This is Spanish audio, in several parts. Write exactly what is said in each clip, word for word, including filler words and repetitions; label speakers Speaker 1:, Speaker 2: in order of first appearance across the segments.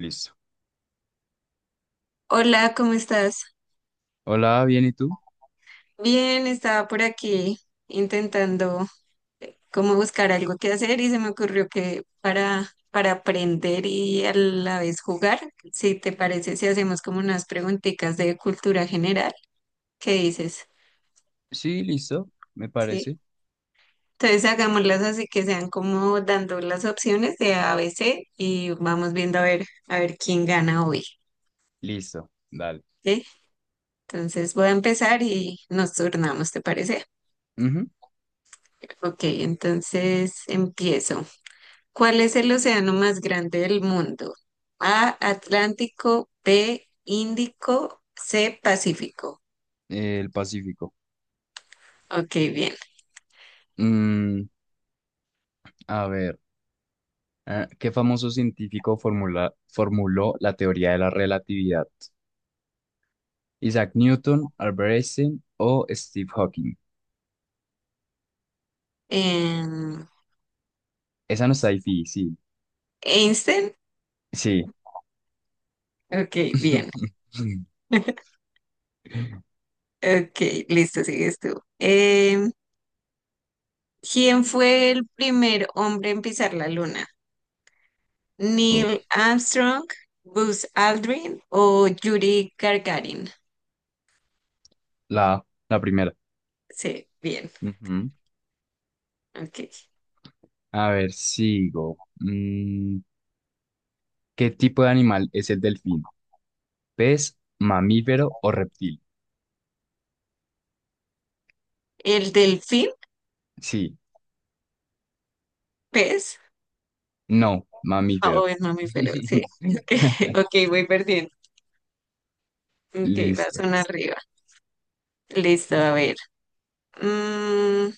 Speaker 1: Listo.
Speaker 2: Hola, ¿cómo estás?
Speaker 1: Hola, ¿bien y tú?
Speaker 2: Bien, estaba por aquí intentando como buscar algo que hacer y se me ocurrió que para, para aprender y a la vez jugar, si te parece, si hacemos como unas preguntitas de cultura general, ¿qué dices?
Speaker 1: Sí, listo, me
Speaker 2: Sí.
Speaker 1: parece.
Speaker 2: Entonces hagámoslas así que sean como dando las opciones de A, B, C y vamos viendo a ver, a ver quién gana hoy.
Speaker 1: Listo, dale.
Speaker 2: ¿Sí? Entonces voy a empezar y nos turnamos, ¿te parece?
Speaker 1: Ujú.
Speaker 2: Ok, entonces empiezo. ¿Cuál es el océano más grande del mundo? A, Atlántico, B, Índico, C, Pacífico.
Speaker 1: eh, El Pacífico.
Speaker 2: Ok, bien.
Speaker 1: Mm, a ver. Ah, ¿qué famoso científico formula- formuló la teoría de la relatividad? ¿Isaac Newton, Albert Einstein o Steve Hawking?
Speaker 2: Em,
Speaker 1: Esa no está difícil.
Speaker 2: Einstein.
Speaker 1: Sí.
Speaker 2: Ok, bien. Ok, listo, sigues tú. Em, ¿quién fue el primer hombre en pisar la luna?
Speaker 1: Uy,
Speaker 2: ¿Neil Armstrong, Buzz Aldrin o Yuri Gagarin?
Speaker 1: la, la primera.
Speaker 2: Sí, bien.
Speaker 1: Ujú.
Speaker 2: Ok.
Speaker 1: A ver, sigo. Mm, ¿qué tipo de animal es el delfín? ¿Pez, mamífero o reptil?
Speaker 2: ¿El delfín?
Speaker 1: Sí,
Speaker 2: ¿Pez?
Speaker 1: no,
Speaker 2: Ah,
Speaker 1: mamífero.
Speaker 2: oh, es mami, pero sí. Ok, ok, voy perdiendo. Ok, vas
Speaker 1: Listo.
Speaker 2: una arriba. Listo, a ver. Mm,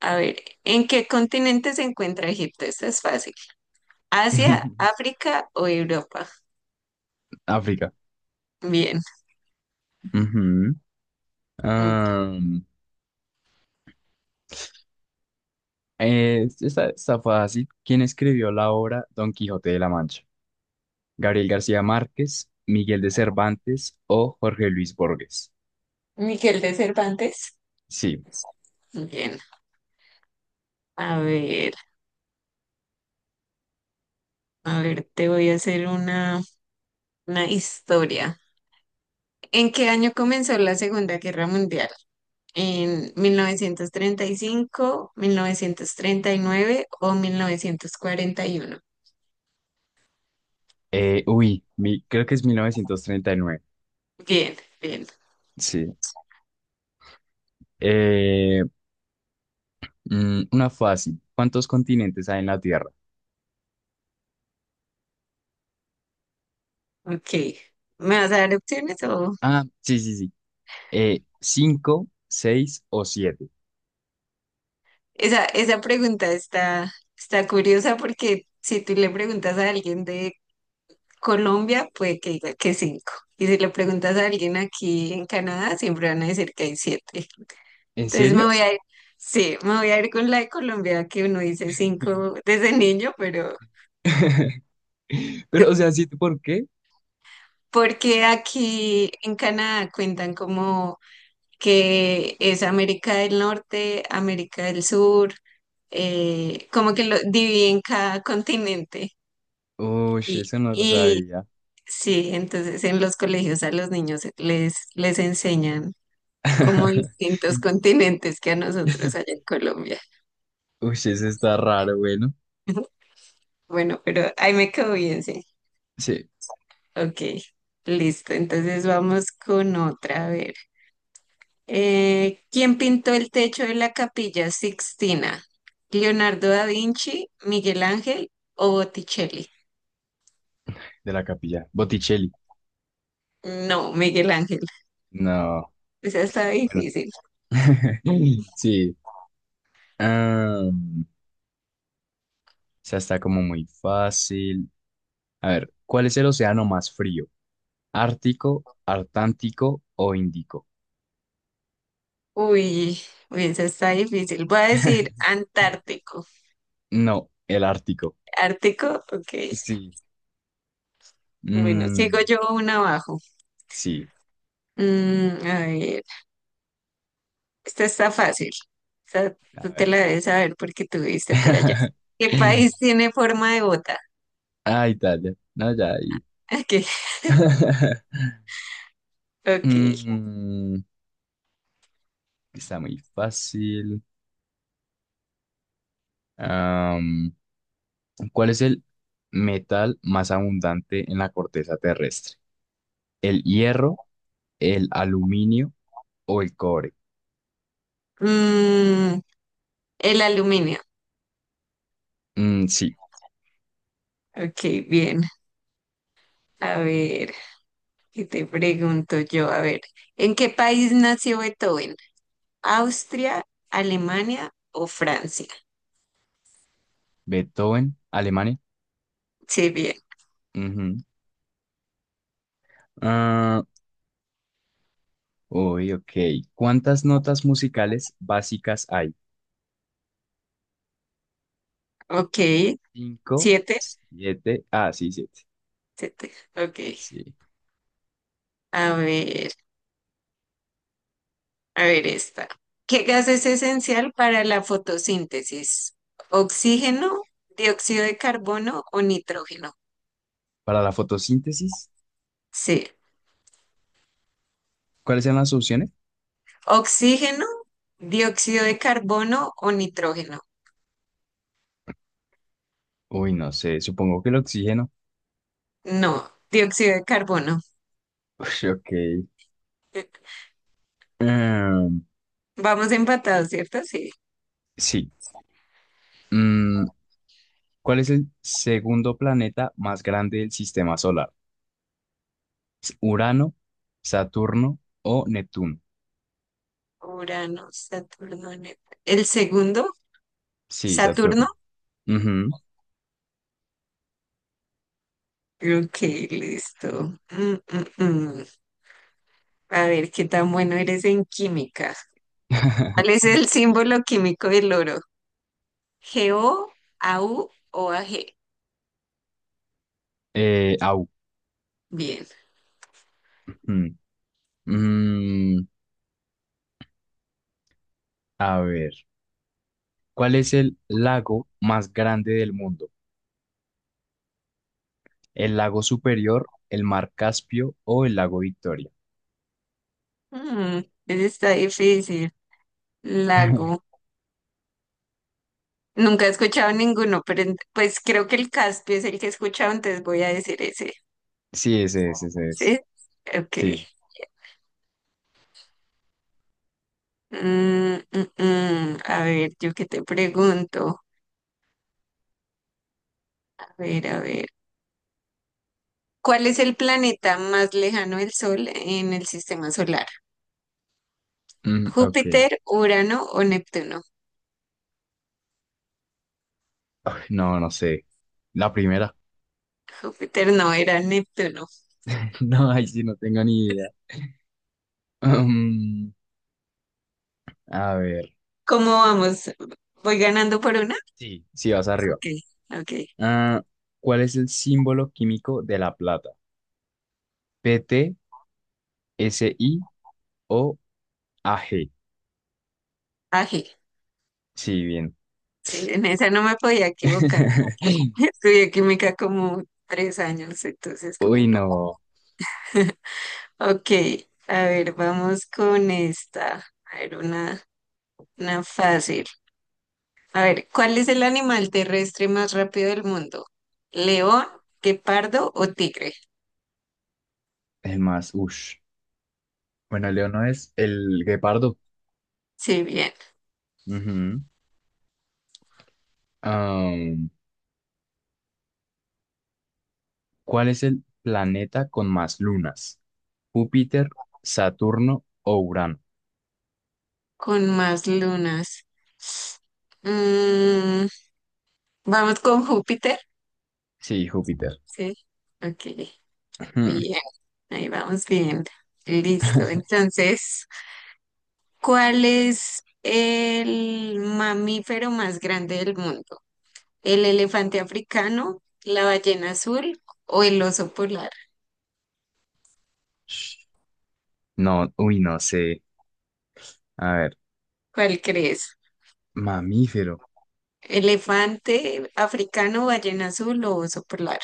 Speaker 2: a ver, ¿en qué continente se encuentra Egipto? Esto es fácil. ¿Asia, África o Europa?
Speaker 1: África.
Speaker 2: Bien.
Speaker 1: Ujú.
Speaker 2: Mm.
Speaker 1: Am, eh, esta está fácil. ¿Quién escribió la obra Don Quijote de la Mancha? ¿Gabriel García Márquez, Miguel de Cervantes o Jorge Luis Borges?
Speaker 2: Miguel de Cervantes.
Speaker 1: Sí.
Speaker 2: Bien. A ver, a ver, te voy a hacer una, una historia. ¿En qué año comenzó la Segunda Guerra Mundial? En mil mil novecientos novecientos treinta treinta y cinco, mil novecientos treinta y nueve, o mil novecientos cuarenta y uno.
Speaker 1: Eh, uy, mi- creo que es mil novecientos treinta y nueve.
Speaker 2: Bien, bien,
Speaker 1: Sí. Eh, mm, una fácil. ¿Cuántos continentes hay en la Tierra?
Speaker 2: ok. ¿Me vas a dar opciones o...?
Speaker 1: Ah, sí, sí, sí. Eh, ¿cinco, seis o siete?
Speaker 2: Esa, esa pregunta está, está curiosa porque si tú le preguntas a alguien de Colombia, puede que diga que cinco. Y si le preguntas a alguien aquí en Canadá, siempre van a decir que hay siete.
Speaker 1: ¿En
Speaker 2: Entonces me
Speaker 1: serio?
Speaker 2: voy a ir, sí, me voy a ir con la de Colombia, que uno dice cinco desde niño, pero...
Speaker 1: Pero, o sea, ¿sí? ¿Por qué?
Speaker 2: Porque aquí en Canadá cuentan como que es América del Norte, América del Sur, eh, como que lo dividen cada continente.
Speaker 1: Uy,
Speaker 2: Y,
Speaker 1: eso no lo
Speaker 2: y
Speaker 1: sabía.
Speaker 2: sí, entonces en los colegios a los niños les, les enseñan como distintos continentes que a nosotros allá en Colombia.
Speaker 1: Uy, eso está raro, bueno.
Speaker 2: Bueno, pero ahí me quedó bien, sí.
Speaker 1: Sí,
Speaker 2: Ok, listo. Entonces vamos con otra, a ver. Eh, ¿quién pintó el techo de la Capilla Sixtina? ¿Leonardo da Vinci, Miguel Ángel o Botticelli?
Speaker 1: de la capilla. Botticelli.
Speaker 2: No, Miguel Ángel.
Speaker 1: No,
Speaker 2: Esa está
Speaker 1: bueno.
Speaker 2: difícil.
Speaker 1: Sí. Ah, esa está como muy fácil. A ver, ¿cuál es el océano más frío? ¿Ártico, Artántico o Índico?
Speaker 2: Uy, uy, esa está difícil. Voy a decir Antártico.
Speaker 1: No, el Ártico.
Speaker 2: ¿Ártico? Ok.
Speaker 1: Sí.
Speaker 2: Bueno, sigo
Speaker 1: Mm,
Speaker 2: yo una abajo.
Speaker 1: sí.
Speaker 2: Mm, a ver, esta está fácil. Esta
Speaker 1: A
Speaker 2: tú te
Speaker 1: ver.
Speaker 2: la debes saber porque tuviste por allá. ¿Qué país tiene forma de bota?
Speaker 1: Ah, Italia. No, ya ahí.
Speaker 2: Ok, ok.
Speaker 1: Mm, está muy fácil. Am, ¿cuál es el metal más abundante en la corteza terrestre? ¿El hierro, el aluminio o el cobre?
Speaker 2: Mm, El aluminio.
Speaker 1: Mm, sí,
Speaker 2: Ok, bien. A ver, ¿qué te pregunto yo? A ver, ¿en qué país nació Beethoven? ¿Austria, Alemania o Francia?
Speaker 1: Beethoven, Alemania.
Speaker 2: Sí, bien.
Speaker 1: Ujú. Ah, uy, ok. ¿Cuántas notas musicales básicas hay?
Speaker 2: Ok.
Speaker 1: Cinco,
Speaker 2: ¿Siete?
Speaker 1: siete. Ah, sí, siete.
Speaker 2: Siete. Ok.
Speaker 1: Sí.
Speaker 2: A ver, a ver esta. ¿Qué gas es esencial para la fotosíntesis? ¿Oxígeno, dióxido de carbono o nitrógeno?
Speaker 1: Para la fotosíntesis.
Speaker 2: Sí.
Speaker 1: ¿Cuáles eran las opciones?
Speaker 2: ¿Oxígeno, dióxido de carbono o nitrógeno?
Speaker 1: Uy, no sé, supongo que el oxígeno.
Speaker 2: No, dióxido de carbono.
Speaker 1: Uy, ok.
Speaker 2: Eh,
Speaker 1: Em,
Speaker 2: Vamos empatados, ¿cierto? Sí.
Speaker 1: sí. Mm, ¿cuál es el segundo planeta más grande del sistema solar? ¿Es ¿Urano, Saturno o Neptuno?
Speaker 2: Urano, Saturno, Neptuno. El segundo,
Speaker 1: Sí,
Speaker 2: Saturno.
Speaker 1: Saturno. Ujú.
Speaker 2: Ok, listo. Mm, mm, mm. A ver, qué tan bueno eres en química. ¿Cuál es el símbolo químico del oro? ¿G O, A U o A G?
Speaker 1: Eh, au.
Speaker 2: Bien.
Speaker 1: Mm. Mm, a ver, ¿cuál es el lago más grande del mundo? ¿El lago Superior, el mar Caspio o el lago Victoria?
Speaker 2: Mm, ese está difícil. Lago. Nunca he escuchado ninguno, pero en- pues creo que el Caspio es el que he escuchado, entonces voy a decir ese.
Speaker 1: Sí, ese es, ese es.
Speaker 2: ¿Sí? Ok.
Speaker 1: Sí.
Speaker 2: Mm, mm, mm. A ver, yo qué te pregunto. A ver, a ver. ¿Cuál es el planeta más lejano del Sol en el sistema solar?
Speaker 1: Mm, ok.
Speaker 2: ¿Júpiter, Urano o Neptuno?
Speaker 1: Ay, no, no sé. La primera.
Speaker 2: Júpiter no, era Neptuno.
Speaker 1: No, ahí sí no tengo ni idea. Mm, a ver.
Speaker 2: ¿Cómo vamos? ¿Voy ganando por una?
Speaker 1: Sí, sí, vas arriba.
Speaker 2: Ok, ok.
Speaker 1: Ah, ¿cuál es el símbolo químico de la plata? P T, S I o A G.
Speaker 2: Ají.
Speaker 1: Sí, bien.
Speaker 2: Sí, en esa no me podía equivocar. Estudié química como tres años, entonces como
Speaker 1: Uy,
Speaker 2: no.
Speaker 1: no.
Speaker 2: Ok, a ver, vamos con esta. A ver, una, una fácil. A ver, ¿cuál es el animal terrestre más rápido del mundo? ¿León, guepardo o tigre?
Speaker 1: Es más, ush. Bueno, Leo no, es el guepardo.
Speaker 2: Sí, bien,
Speaker 1: Ujú. Am, ¿cuál es el planeta con más lunas? ¿Júpiter, Saturno o Urano?
Speaker 2: con más lunas. Mm, vamos con Júpiter.
Speaker 1: Sí, Júpiter.
Speaker 2: Sí, ok,
Speaker 1: Hmm.
Speaker 2: bien, ahí vamos bien. Listo, entonces, ¿cuál es el mamífero más grande del mundo? ¿El elefante africano, la ballena azul o el oso polar?
Speaker 1: No, uy, no sé. A ver,
Speaker 2: ¿Cuál crees?
Speaker 1: mamífero.
Speaker 2: Elefante africano, ballena azul o oso polar.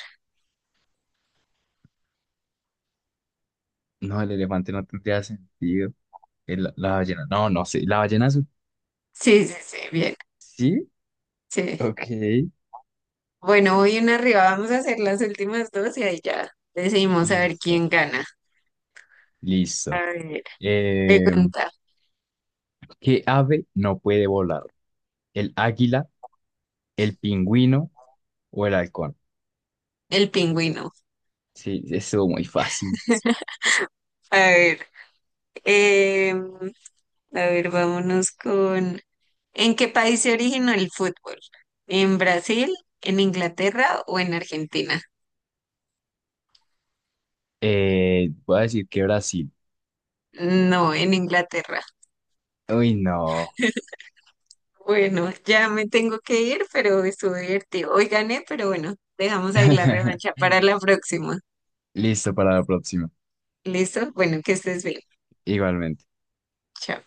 Speaker 1: No, el elefante no tendría sentido. El- la ballena. No, no sé. La ballena azul.
Speaker 2: Sí, sí, sí, bien.
Speaker 1: Sí,
Speaker 2: Sí.
Speaker 1: ok.
Speaker 2: Bueno, hoy una arriba, vamos a hacer las últimas dos y ahí ya decidimos a ver
Speaker 1: Listo,
Speaker 2: quién gana. A
Speaker 1: listo.
Speaker 2: ver,
Speaker 1: Eh,
Speaker 2: pregunta,
Speaker 1: ¿qué ave no puede volar? ¿El águila, el pingüino o el halcón?
Speaker 2: el pingüino.
Speaker 1: Sí, eso muy fácil.
Speaker 2: A ver, em, a ver, vámonos con... ¿En qué país se originó el fútbol? ¿En Brasil, en Inglaterra o en Argentina?
Speaker 1: Eh, voy a decir que Brasil.
Speaker 2: No, en Inglaterra.
Speaker 1: Uy, no.
Speaker 2: Bueno, ya me tengo que ir, pero estuvo divertido. Hoy gané, pero bueno, dejamos ahí la revancha para la próxima.
Speaker 1: Listo para la próxima.
Speaker 2: ¿Listo? Bueno, que estés bien.
Speaker 1: Igualmente.
Speaker 2: Chao.